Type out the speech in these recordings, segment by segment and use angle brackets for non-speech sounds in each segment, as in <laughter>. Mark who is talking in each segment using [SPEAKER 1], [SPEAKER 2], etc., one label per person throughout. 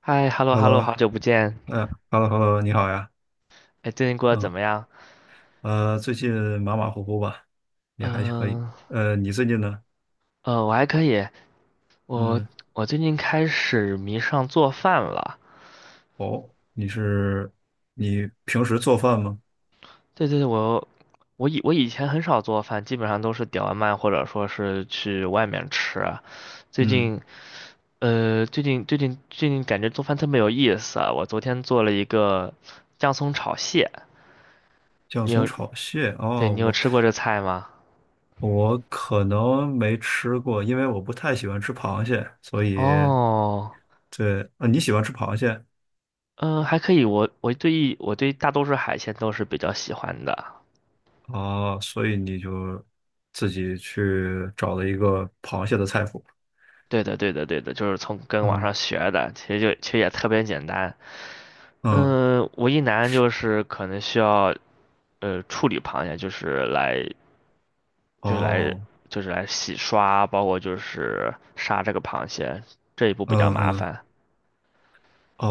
[SPEAKER 1] 嗨，hello hello，
[SPEAKER 2] Hello，
[SPEAKER 1] 好久不见，
[SPEAKER 2] 嗯，Hello，Hello，你好呀。
[SPEAKER 1] 哎，最近过得怎
[SPEAKER 2] 嗯。
[SPEAKER 1] 么样？
[SPEAKER 2] 最近马马虎虎吧，也还可以。
[SPEAKER 1] 嗯、
[SPEAKER 2] 你最近呢？
[SPEAKER 1] 我还可以，我
[SPEAKER 2] 嗯。
[SPEAKER 1] 我最近开始迷上做饭了。
[SPEAKER 2] 哦，你平时做饭吗？
[SPEAKER 1] 对对对，我以前很少做饭，基本上都是点外卖或者说是去外面吃。最
[SPEAKER 2] 嗯。
[SPEAKER 1] 近最近感觉做饭特别有意思啊。我昨天做了一个姜葱炒蟹，
[SPEAKER 2] 酱
[SPEAKER 1] 你
[SPEAKER 2] 松
[SPEAKER 1] 有，
[SPEAKER 2] 炒蟹。
[SPEAKER 1] 对，
[SPEAKER 2] 哦，
[SPEAKER 1] 你有
[SPEAKER 2] 我
[SPEAKER 1] 吃过这菜吗？
[SPEAKER 2] 我可能没吃过，因为我不太喜欢吃螃蟹，所以
[SPEAKER 1] 哦。
[SPEAKER 2] 对。啊，你喜欢吃螃蟹？
[SPEAKER 1] 嗯，还可以。我对大多数海鲜都是比较喜欢的。
[SPEAKER 2] 哦，所以你就自己去找了一个螃蟹的菜谱。
[SPEAKER 1] 对的，对的，对的，就是从跟网上
[SPEAKER 2] 嗯
[SPEAKER 1] 学的，其实也特别简单。
[SPEAKER 2] 嗯，
[SPEAKER 1] 嗯，唯一难
[SPEAKER 2] 是。
[SPEAKER 1] 就是可能需要处理螃蟹，就是来就是来
[SPEAKER 2] 哦，
[SPEAKER 1] 就是来洗刷，包括就是杀这个螃蟹这一步比较
[SPEAKER 2] 嗯
[SPEAKER 1] 麻
[SPEAKER 2] 嗯。
[SPEAKER 1] 烦。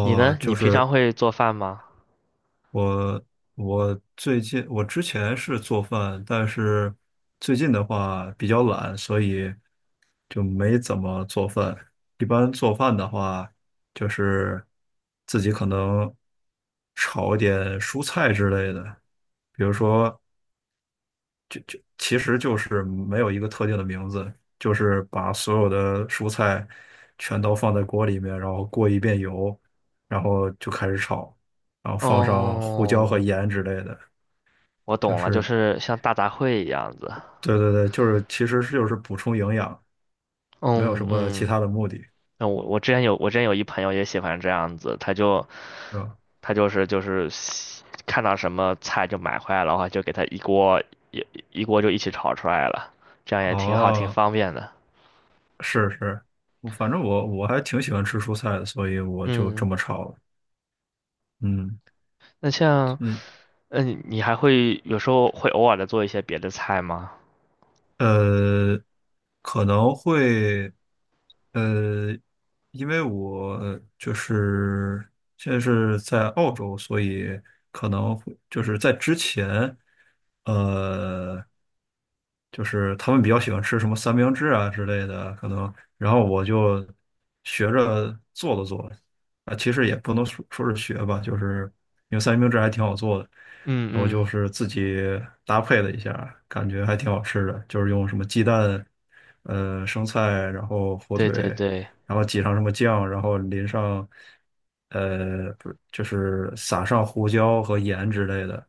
[SPEAKER 1] 你呢？你
[SPEAKER 2] 就
[SPEAKER 1] 平常
[SPEAKER 2] 是
[SPEAKER 1] 会做饭吗？
[SPEAKER 2] 我，我最近我之前是做饭，但是最近的话比较懒，所以就没怎么做饭。一般做饭的话，就是自己可能炒一点蔬菜之类的，比如说其实就是没有一个特定的名字，就是把所有的蔬菜全都放在锅里面，然后过一遍油，然后就开始炒，然后放上胡椒和
[SPEAKER 1] 哦，
[SPEAKER 2] 盐之类的。
[SPEAKER 1] 我
[SPEAKER 2] 就
[SPEAKER 1] 懂了，就
[SPEAKER 2] 是
[SPEAKER 1] 是像大杂烩一样子。
[SPEAKER 2] 对对对，就是其实是就是补充营养，没有什
[SPEAKER 1] 嗯
[SPEAKER 2] 么其
[SPEAKER 1] 嗯。
[SPEAKER 2] 他的目的，
[SPEAKER 1] 那我之前有一朋友也喜欢这样子，
[SPEAKER 2] 是吧？
[SPEAKER 1] 他就是就是喜看到什么菜就买回来的话，就给他一锅一一锅就一起炒出来了，这样也挺好，挺
[SPEAKER 2] 哦，
[SPEAKER 1] 方便的。
[SPEAKER 2] 是是。我反正我还挺喜欢吃蔬菜的，所以我就这
[SPEAKER 1] 嗯，
[SPEAKER 2] 么炒了。嗯。
[SPEAKER 1] 那像你你还会有时候会偶尔的做一些别的菜吗？
[SPEAKER 2] 呃，可能会。呃，因为我就是现在是在澳洲，所以可能会就是在之前，呃，就是他们比较喜欢吃什么三明治啊之类的，可能，然后我就学着做了做。啊，其实也不能说是学吧，就是因为三明治还挺好做的，
[SPEAKER 1] 嗯
[SPEAKER 2] 然后就
[SPEAKER 1] 嗯，
[SPEAKER 2] 是自己搭配了一下，感觉还挺好吃的，就是用什么鸡蛋、生菜，然后火
[SPEAKER 1] 对
[SPEAKER 2] 腿，
[SPEAKER 1] 对对，
[SPEAKER 2] 然后挤上什么酱，然后淋上不是就是撒上胡椒和盐之类的。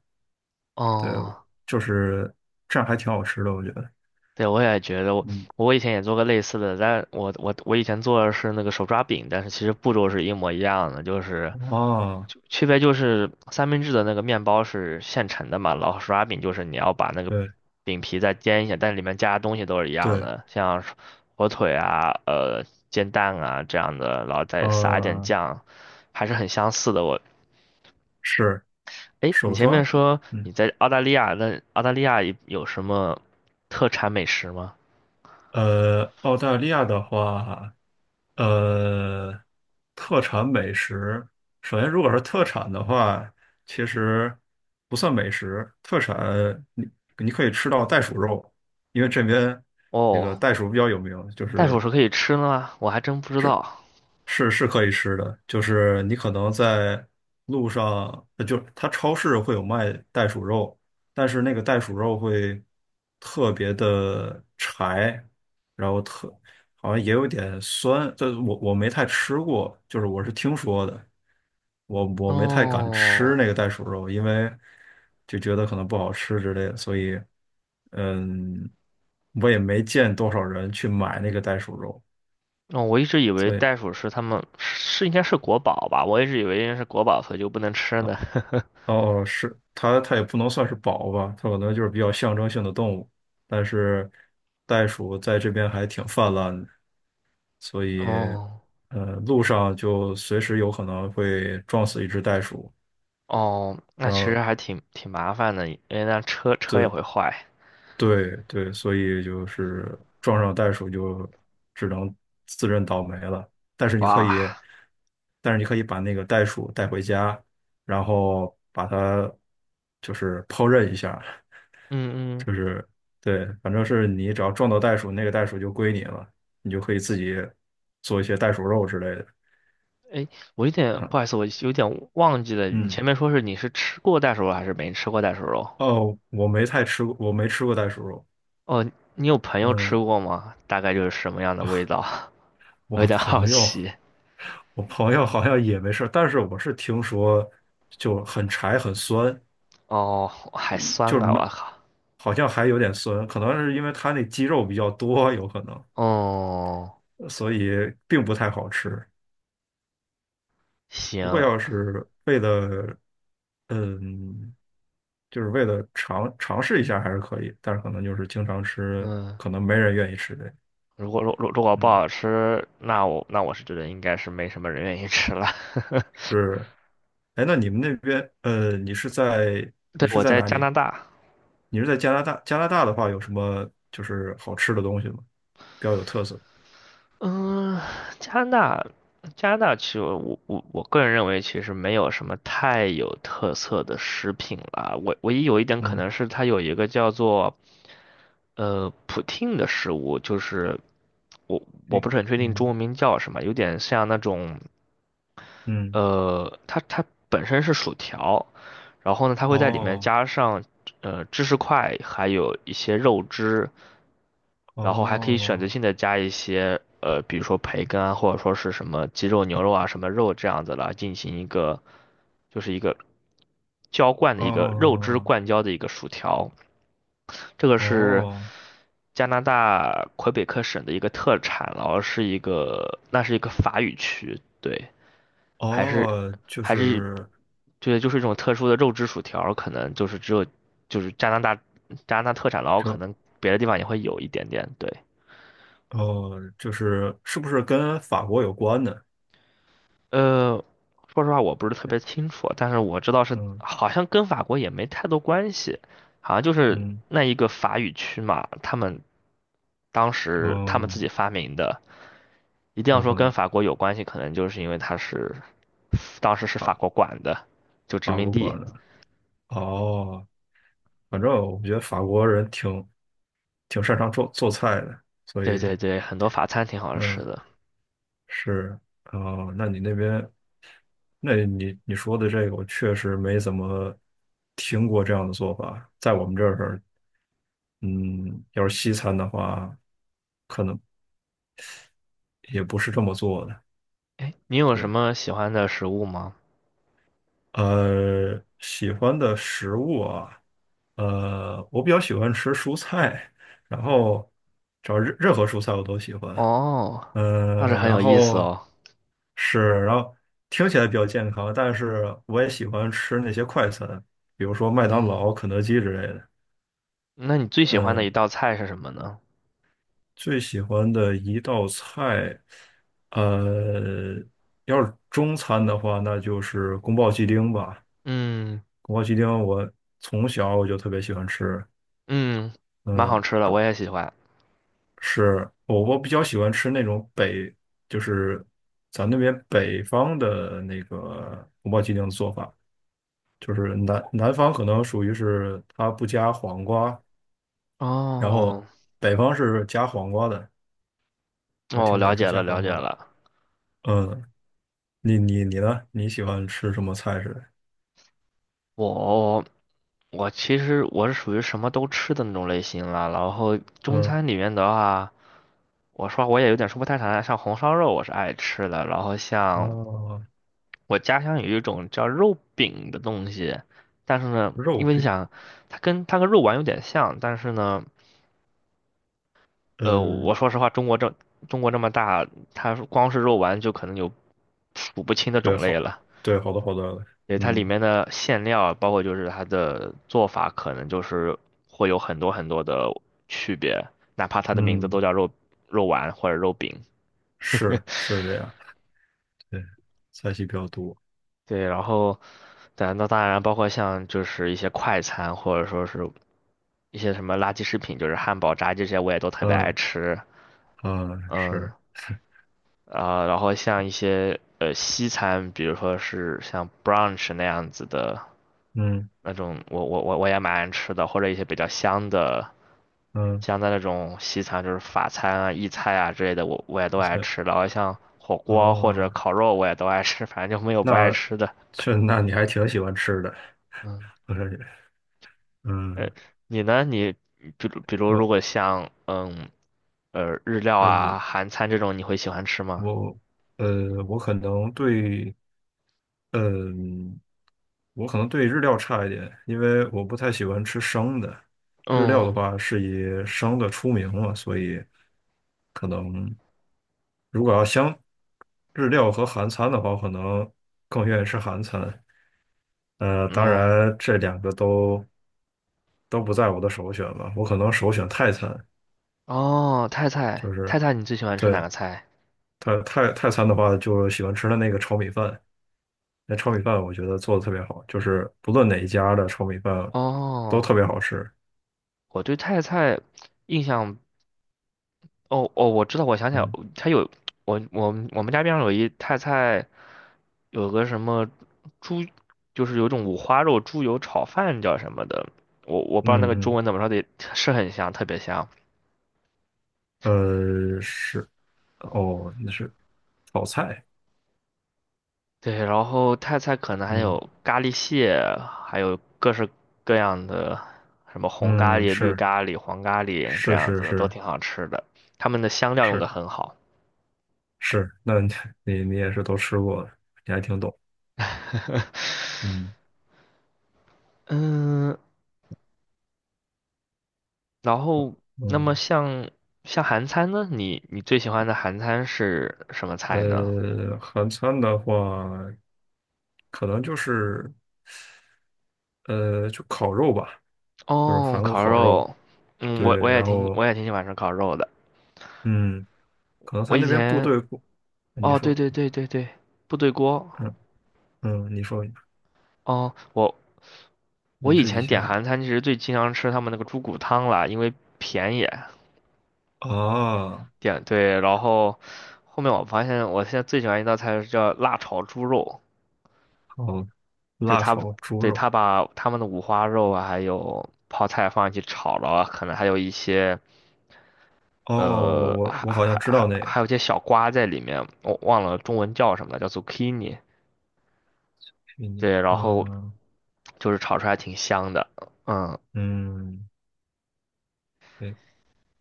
[SPEAKER 2] 对，
[SPEAKER 1] 哦，
[SPEAKER 2] 就是这样还挺好吃的，我觉得。
[SPEAKER 1] 对我也觉得我
[SPEAKER 2] 嗯。
[SPEAKER 1] 我以前也做过类似的，但我以前做的是那个手抓饼，但是其实步骤是一模一样的，就是。
[SPEAKER 2] 哦，
[SPEAKER 1] 就区别就是三明治的那个面包是现成的嘛，老手抓饼就是你要把那个
[SPEAKER 2] 对
[SPEAKER 1] 饼皮再煎一下，但里面加的东西都是一样
[SPEAKER 2] 对，
[SPEAKER 1] 的，像是火腿啊、煎蛋啊这样的，然后再撒一点
[SPEAKER 2] 呃，
[SPEAKER 1] 酱，还是很相似的。我，
[SPEAKER 2] 是
[SPEAKER 1] 诶，你
[SPEAKER 2] 手
[SPEAKER 1] 前
[SPEAKER 2] 抓
[SPEAKER 1] 面
[SPEAKER 2] 饼。
[SPEAKER 1] 说
[SPEAKER 2] 嗯。
[SPEAKER 1] 你在澳大利亚，那澳大利亚有什么特产美食吗？
[SPEAKER 2] 澳大利亚的话，呃，特产美食，首先如果是特产的话，其实不算美食，特产你可以吃到袋鼠肉，因为这边那个
[SPEAKER 1] 哦，
[SPEAKER 2] 袋鼠比较有名。就
[SPEAKER 1] 袋鼠
[SPEAKER 2] 是
[SPEAKER 1] 是可以吃的吗？我还真不知
[SPEAKER 2] 这
[SPEAKER 1] 道。
[SPEAKER 2] 是可以吃的，就是你可能在路上，就是它超市会有卖袋鼠肉，但是那个袋鼠肉会特别的柴，然后好像也有点酸。这我没太吃过，就是我是听说的，我没太敢吃
[SPEAKER 1] 哦。
[SPEAKER 2] 那个袋鼠肉，因为就觉得可能不好吃之类的，所以嗯，我也没见多少人去买那个袋鼠肉，
[SPEAKER 1] 哦，我一直以为
[SPEAKER 2] 所以。
[SPEAKER 1] 袋鼠是他们是应该是国宝吧，我一直以为应该是国宝，所以就不能吃呢。
[SPEAKER 2] 哦哦。它也不能算是宝吧，它可能就是比较象征性的动物。但是袋鼠在这边还挺泛滥的，所
[SPEAKER 1] <laughs>
[SPEAKER 2] 以
[SPEAKER 1] 哦
[SPEAKER 2] 路上就随时有可能会撞死一只袋鼠。
[SPEAKER 1] 哦，那
[SPEAKER 2] 然
[SPEAKER 1] 其实
[SPEAKER 2] 后
[SPEAKER 1] 挺麻烦的，因为那车也
[SPEAKER 2] 对
[SPEAKER 1] 会坏。
[SPEAKER 2] 对对，所以就是撞上袋鼠就只能自认倒霉了。但是你可
[SPEAKER 1] 哇，
[SPEAKER 2] 以，但是你可以把那个袋鼠带回家，然后把它就是烹饪一下。
[SPEAKER 1] 嗯嗯，
[SPEAKER 2] 就是对，反正是你只要撞到袋鼠，那个袋鼠就归你了，你就可以自己做一些袋鼠肉之类的。
[SPEAKER 1] 我有点
[SPEAKER 2] 嗯
[SPEAKER 1] 不好意思，我有点忘记了，你
[SPEAKER 2] 嗯。
[SPEAKER 1] 前面说是你是吃过袋鼠肉还是没吃过袋鼠肉？
[SPEAKER 2] 哦，我没太吃过，我没吃过袋鼠肉。
[SPEAKER 1] 哦，你有朋友吃
[SPEAKER 2] 嗯。
[SPEAKER 1] 过吗？大概就是什么样的味道？<laughs>
[SPEAKER 2] 我
[SPEAKER 1] 我有点好
[SPEAKER 2] 朋友，
[SPEAKER 1] 奇。
[SPEAKER 2] 我朋友好像也没事，但是我是听说就很柴很酸。
[SPEAKER 1] 哦，还
[SPEAKER 2] 一就
[SPEAKER 1] 酸
[SPEAKER 2] 是
[SPEAKER 1] 啊，
[SPEAKER 2] 没，
[SPEAKER 1] 我靠。
[SPEAKER 2] 好像还有点酸，可能是因为它那肌肉比较多，有可能，
[SPEAKER 1] 哦，
[SPEAKER 2] 所以并不太好吃。不过
[SPEAKER 1] 行，
[SPEAKER 2] 要是为了，嗯。就是为了尝试一下还是可以，但是可能就是经常吃，
[SPEAKER 1] 嗯。
[SPEAKER 2] 可能没人愿意吃呗。
[SPEAKER 1] 如果不
[SPEAKER 2] 嗯，
[SPEAKER 1] 好吃，那我是觉得应该是没什么人愿意吃了。
[SPEAKER 2] 是。哎，那你们那边，
[SPEAKER 1] <laughs> 对，
[SPEAKER 2] 你是
[SPEAKER 1] 我
[SPEAKER 2] 在
[SPEAKER 1] 在
[SPEAKER 2] 哪
[SPEAKER 1] 加
[SPEAKER 2] 里？
[SPEAKER 1] 拿大，
[SPEAKER 2] 你是在加拿大？加拿大的话，有什么就是好吃的东西吗？比较有特色的。
[SPEAKER 1] 嗯，加拿大，加拿大其实我个人认为其实没有什么太有特色的食品了。唯一有一点可
[SPEAKER 2] 嗯，
[SPEAKER 1] 能是它有一个叫做普汀的食物，就是我我
[SPEAKER 2] 对，
[SPEAKER 1] 不是很确定中
[SPEAKER 2] 嗯
[SPEAKER 1] 文名叫什么，有点像那种
[SPEAKER 2] 嗯，
[SPEAKER 1] 它本身是薯条，然后呢，它会在里面
[SPEAKER 2] 哦
[SPEAKER 1] 加上芝士块，还有一些肉汁，然后还可以选择
[SPEAKER 2] 哦
[SPEAKER 1] 性的加一些，比如说培根啊，或者说是什么鸡肉、牛肉啊，什么肉这样子来进行一个就是一个肉汁
[SPEAKER 2] 哦
[SPEAKER 1] 灌浇的一个薯条。这个是
[SPEAKER 2] 哦
[SPEAKER 1] 加拿大魁北克省的一个特产，然后是一个那是一个法语区，对，还是
[SPEAKER 2] 哦。就
[SPEAKER 1] 还是
[SPEAKER 2] 是
[SPEAKER 1] 对，就是一种特殊的肉质薯条，可能就是只有就是加拿大特产，然后可
[SPEAKER 2] 这
[SPEAKER 1] 能别的地方也会有一点点。对，
[SPEAKER 2] 哦，就是是不是跟法国有关的？
[SPEAKER 1] 呃，说实话我不是特别清楚，但是我知道是
[SPEAKER 2] 嗯
[SPEAKER 1] 好像跟法国也没太多关系，好像就是
[SPEAKER 2] 嗯。
[SPEAKER 1] 那一个法语区嘛，他们自己
[SPEAKER 2] 哦，
[SPEAKER 1] 发明的，一定要
[SPEAKER 2] 有
[SPEAKER 1] 说
[SPEAKER 2] 可
[SPEAKER 1] 跟
[SPEAKER 2] 能。
[SPEAKER 1] 法国有关系，可能就是因为当时是法
[SPEAKER 2] 法
[SPEAKER 1] 国管的，就殖
[SPEAKER 2] 法
[SPEAKER 1] 民
[SPEAKER 2] 国
[SPEAKER 1] 地。
[SPEAKER 2] 管的。哦。反正我觉得法国人挺擅长做做菜的，所
[SPEAKER 1] 对
[SPEAKER 2] 以
[SPEAKER 1] 对对，很多法餐挺好吃
[SPEAKER 2] 嗯
[SPEAKER 1] 的。
[SPEAKER 2] 是。哦。那你那边，那你说的这个，我确实没怎么听过这样的做法。在我们这儿，嗯，要是西餐的话，可能也不是这么做的。
[SPEAKER 1] 哎，你有
[SPEAKER 2] 对。
[SPEAKER 1] 什么喜欢的食物吗？
[SPEAKER 2] 喜欢的食物啊，我比较喜欢吃蔬菜，然后只要任何蔬菜我都喜欢。
[SPEAKER 1] 哦，倒是很
[SPEAKER 2] 然
[SPEAKER 1] 有意思
[SPEAKER 2] 后
[SPEAKER 1] 哦。
[SPEAKER 2] 是，然后听起来比较健康，但是我也喜欢吃那些快餐，比如说麦当
[SPEAKER 1] 嗯，
[SPEAKER 2] 劳、肯德基之类的。
[SPEAKER 1] 那你最喜欢的一
[SPEAKER 2] 嗯。
[SPEAKER 1] 道菜是什么呢？
[SPEAKER 2] 最喜欢的一道菜，呃，要是中餐的话，那就是宫保鸡丁吧。
[SPEAKER 1] 嗯
[SPEAKER 2] 宫保鸡丁我从小我就特别喜欢吃。
[SPEAKER 1] 嗯，蛮好
[SPEAKER 2] 嗯。
[SPEAKER 1] 吃的，我也喜欢。
[SPEAKER 2] 是我比较喜欢吃那种就是咱那边北方的那个宫保鸡丁的做法，就是南方可能属于是它不加黄瓜，然
[SPEAKER 1] 哦
[SPEAKER 2] 后北方是加黄瓜的，我
[SPEAKER 1] 哦，
[SPEAKER 2] 挺喜欢吃加
[SPEAKER 1] 了
[SPEAKER 2] 黄
[SPEAKER 1] 解
[SPEAKER 2] 瓜的。
[SPEAKER 1] 了。
[SPEAKER 2] 嗯。你呢？你喜欢吃什么菜式的？
[SPEAKER 1] 我我其实我是属于什么都吃的那种类型了。然后中
[SPEAKER 2] 嗯，
[SPEAKER 1] 餐里面的话，我也有点说不太上来，像红烧肉我是爱吃的。然后像
[SPEAKER 2] 哦，
[SPEAKER 1] 我家乡有一种叫肉饼的东西，但是呢，
[SPEAKER 2] 肉
[SPEAKER 1] 因为你
[SPEAKER 2] 饼。
[SPEAKER 1] 想，它跟肉丸有点像，但是呢。呃，我
[SPEAKER 2] 嗯，
[SPEAKER 1] 说实话，中国这么大，它光是肉丸就可能有数不清的
[SPEAKER 2] 对，
[SPEAKER 1] 种类
[SPEAKER 2] 好，
[SPEAKER 1] 了。
[SPEAKER 2] 对，好的好的。
[SPEAKER 1] 对，它里
[SPEAKER 2] 嗯
[SPEAKER 1] 面的馅料，包括就是它的做法，可能就是会有很多的区别，哪怕它的名字
[SPEAKER 2] 嗯，
[SPEAKER 1] 都叫肉丸或者肉饼。
[SPEAKER 2] 是是这样。对，菜系比较多。
[SPEAKER 1] 对，然后，但那当然包括像就是一些快餐，或者说是一些什么垃圾食品，就是汉堡、炸鸡这些，我也都特别爱
[SPEAKER 2] 嗯
[SPEAKER 1] 吃。
[SPEAKER 2] 嗯，
[SPEAKER 1] 嗯，
[SPEAKER 2] 是。
[SPEAKER 1] 啊、然后像一些西餐，比如说是像 brunch 那样子的
[SPEAKER 2] 嗯
[SPEAKER 1] 那种，我也蛮爱吃的，或者一些比较香的
[SPEAKER 2] 嗯，
[SPEAKER 1] 香的那种西餐，就是法餐啊、意菜啊之类的，也都爱
[SPEAKER 2] 赛。
[SPEAKER 1] 吃。然后像火锅或者
[SPEAKER 2] 哦，
[SPEAKER 1] 烤肉，我也都爱吃，反正就没有不爱
[SPEAKER 2] 那
[SPEAKER 1] 吃的。
[SPEAKER 2] 那你还挺喜欢吃的，
[SPEAKER 1] 嗯，
[SPEAKER 2] 我感觉。
[SPEAKER 1] 呃，
[SPEAKER 2] 嗯。
[SPEAKER 1] 你呢？你比如比如如
[SPEAKER 2] 我
[SPEAKER 1] 果像日料
[SPEAKER 2] 呃
[SPEAKER 1] 啊、韩餐这种，你会喜欢吃吗？
[SPEAKER 2] 我可能对。嗯。我可能对日料差一点，因为我不太喜欢吃生的。日料的
[SPEAKER 1] 嗯
[SPEAKER 2] 话是以生的出名嘛，所以可能如果日料和韩餐的话，我可能更愿意吃韩餐。当
[SPEAKER 1] 嗯
[SPEAKER 2] 然这两个都不在我的首选吧，我可能首选泰餐。
[SPEAKER 1] 哦，
[SPEAKER 2] 就是
[SPEAKER 1] 泰菜，你最喜欢吃哪
[SPEAKER 2] 对
[SPEAKER 1] 个菜？
[SPEAKER 2] 泰餐的话，就喜欢吃的那个炒米饭。那炒米饭我觉得做的特别好，就是不论哪一家的炒米饭都
[SPEAKER 1] 哦，
[SPEAKER 2] 特别好吃。
[SPEAKER 1] 我对泰菜印象，哦哦，我知道，我想起来，
[SPEAKER 2] 嗯。
[SPEAKER 1] 它有我们家边上有一泰菜，有个什么猪，就是有一种五花肉猪油炒饭叫什么的，我不知道那个中
[SPEAKER 2] 嗯
[SPEAKER 1] 文怎么说的，是很香，特别香。
[SPEAKER 2] 嗯。是。哦，那是炒菜。
[SPEAKER 1] 对，然后泰菜可能还
[SPEAKER 2] 嗯
[SPEAKER 1] 有咖喱蟹，还有各式各样的什么红咖
[SPEAKER 2] 嗯，
[SPEAKER 1] 喱、绿
[SPEAKER 2] 是
[SPEAKER 1] 咖喱、黄咖喱这
[SPEAKER 2] 是
[SPEAKER 1] 样
[SPEAKER 2] 是
[SPEAKER 1] 子的，都
[SPEAKER 2] 是
[SPEAKER 1] 挺好吃的。他们的香料用
[SPEAKER 2] 是
[SPEAKER 1] 的很好。
[SPEAKER 2] 是。那你你也是都吃过的，你还挺懂。
[SPEAKER 1] <laughs>
[SPEAKER 2] 嗯
[SPEAKER 1] 嗯，然后那么
[SPEAKER 2] 嗯。
[SPEAKER 1] 像韩餐呢，你你最喜欢的韩餐是什么菜呢？
[SPEAKER 2] 韩餐的话，可能就是就烤肉吧，就是
[SPEAKER 1] 哦，
[SPEAKER 2] 韩国
[SPEAKER 1] 烤
[SPEAKER 2] 烤肉。
[SPEAKER 1] 肉，嗯，
[SPEAKER 2] 对。然后
[SPEAKER 1] 我也挺喜欢吃烤肉的。
[SPEAKER 2] 嗯，可能他
[SPEAKER 1] 我以
[SPEAKER 2] 那边部
[SPEAKER 1] 前
[SPEAKER 2] 队过。你
[SPEAKER 1] 哦，对
[SPEAKER 2] 说。
[SPEAKER 1] 对对对对，部队锅。
[SPEAKER 2] 嗯嗯。你说
[SPEAKER 1] 哦，我我
[SPEAKER 2] 你
[SPEAKER 1] 以
[SPEAKER 2] 是以
[SPEAKER 1] 前点
[SPEAKER 2] 前
[SPEAKER 1] 韩餐其实最经常吃他们那个猪骨汤啦，因为便宜。
[SPEAKER 2] 啊。
[SPEAKER 1] 点对，然后后面我发现我现在最喜欢一道菜是叫辣炒猪肉。
[SPEAKER 2] 好，
[SPEAKER 1] 就
[SPEAKER 2] 辣
[SPEAKER 1] 他
[SPEAKER 2] 炒猪
[SPEAKER 1] 对
[SPEAKER 2] 肉。
[SPEAKER 1] 他把他们的五花肉啊，还有泡菜放进去炒了啊可能还有一些
[SPEAKER 2] 哦，我我我好像知道那个
[SPEAKER 1] 还有一些小瓜在里面，我忘了中文叫什么了，叫 zucchini。
[SPEAKER 2] 黑泥。
[SPEAKER 1] 对，然后
[SPEAKER 2] 嗯。
[SPEAKER 1] 就是炒出来挺香的。嗯，
[SPEAKER 2] 嗯，对。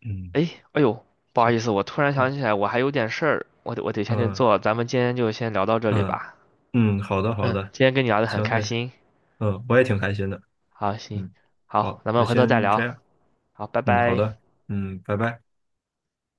[SPEAKER 2] 嗯，
[SPEAKER 1] 哎，哎呦，不好
[SPEAKER 2] 行。
[SPEAKER 1] 意思，我突然想
[SPEAKER 2] 嗯
[SPEAKER 1] 起来，我还有点事儿，我得先去
[SPEAKER 2] 嗯
[SPEAKER 1] 做，咱们今天就先聊到这里
[SPEAKER 2] 嗯
[SPEAKER 1] 吧。
[SPEAKER 2] 嗯，好的好
[SPEAKER 1] 嗯，
[SPEAKER 2] 的。
[SPEAKER 1] 今天跟你聊的很
[SPEAKER 2] 行，
[SPEAKER 1] 开
[SPEAKER 2] 那行。
[SPEAKER 1] 心。
[SPEAKER 2] 嗯，我也挺开心的。
[SPEAKER 1] 好，行，
[SPEAKER 2] 嗯，
[SPEAKER 1] 好，
[SPEAKER 2] 好，
[SPEAKER 1] 咱们
[SPEAKER 2] 那
[SPEAKER 1] 回头再
[SPEAKER 2] 先这
[SPEAKER 1] 聊。
[SPEAKER 2] 样。
[SPEAKER 1] 好，拜
[SPEAKER 2] 嗯，好
[SPEAKER 1] 拜。
[SPEAKER 2] 的。嗯，拜拜。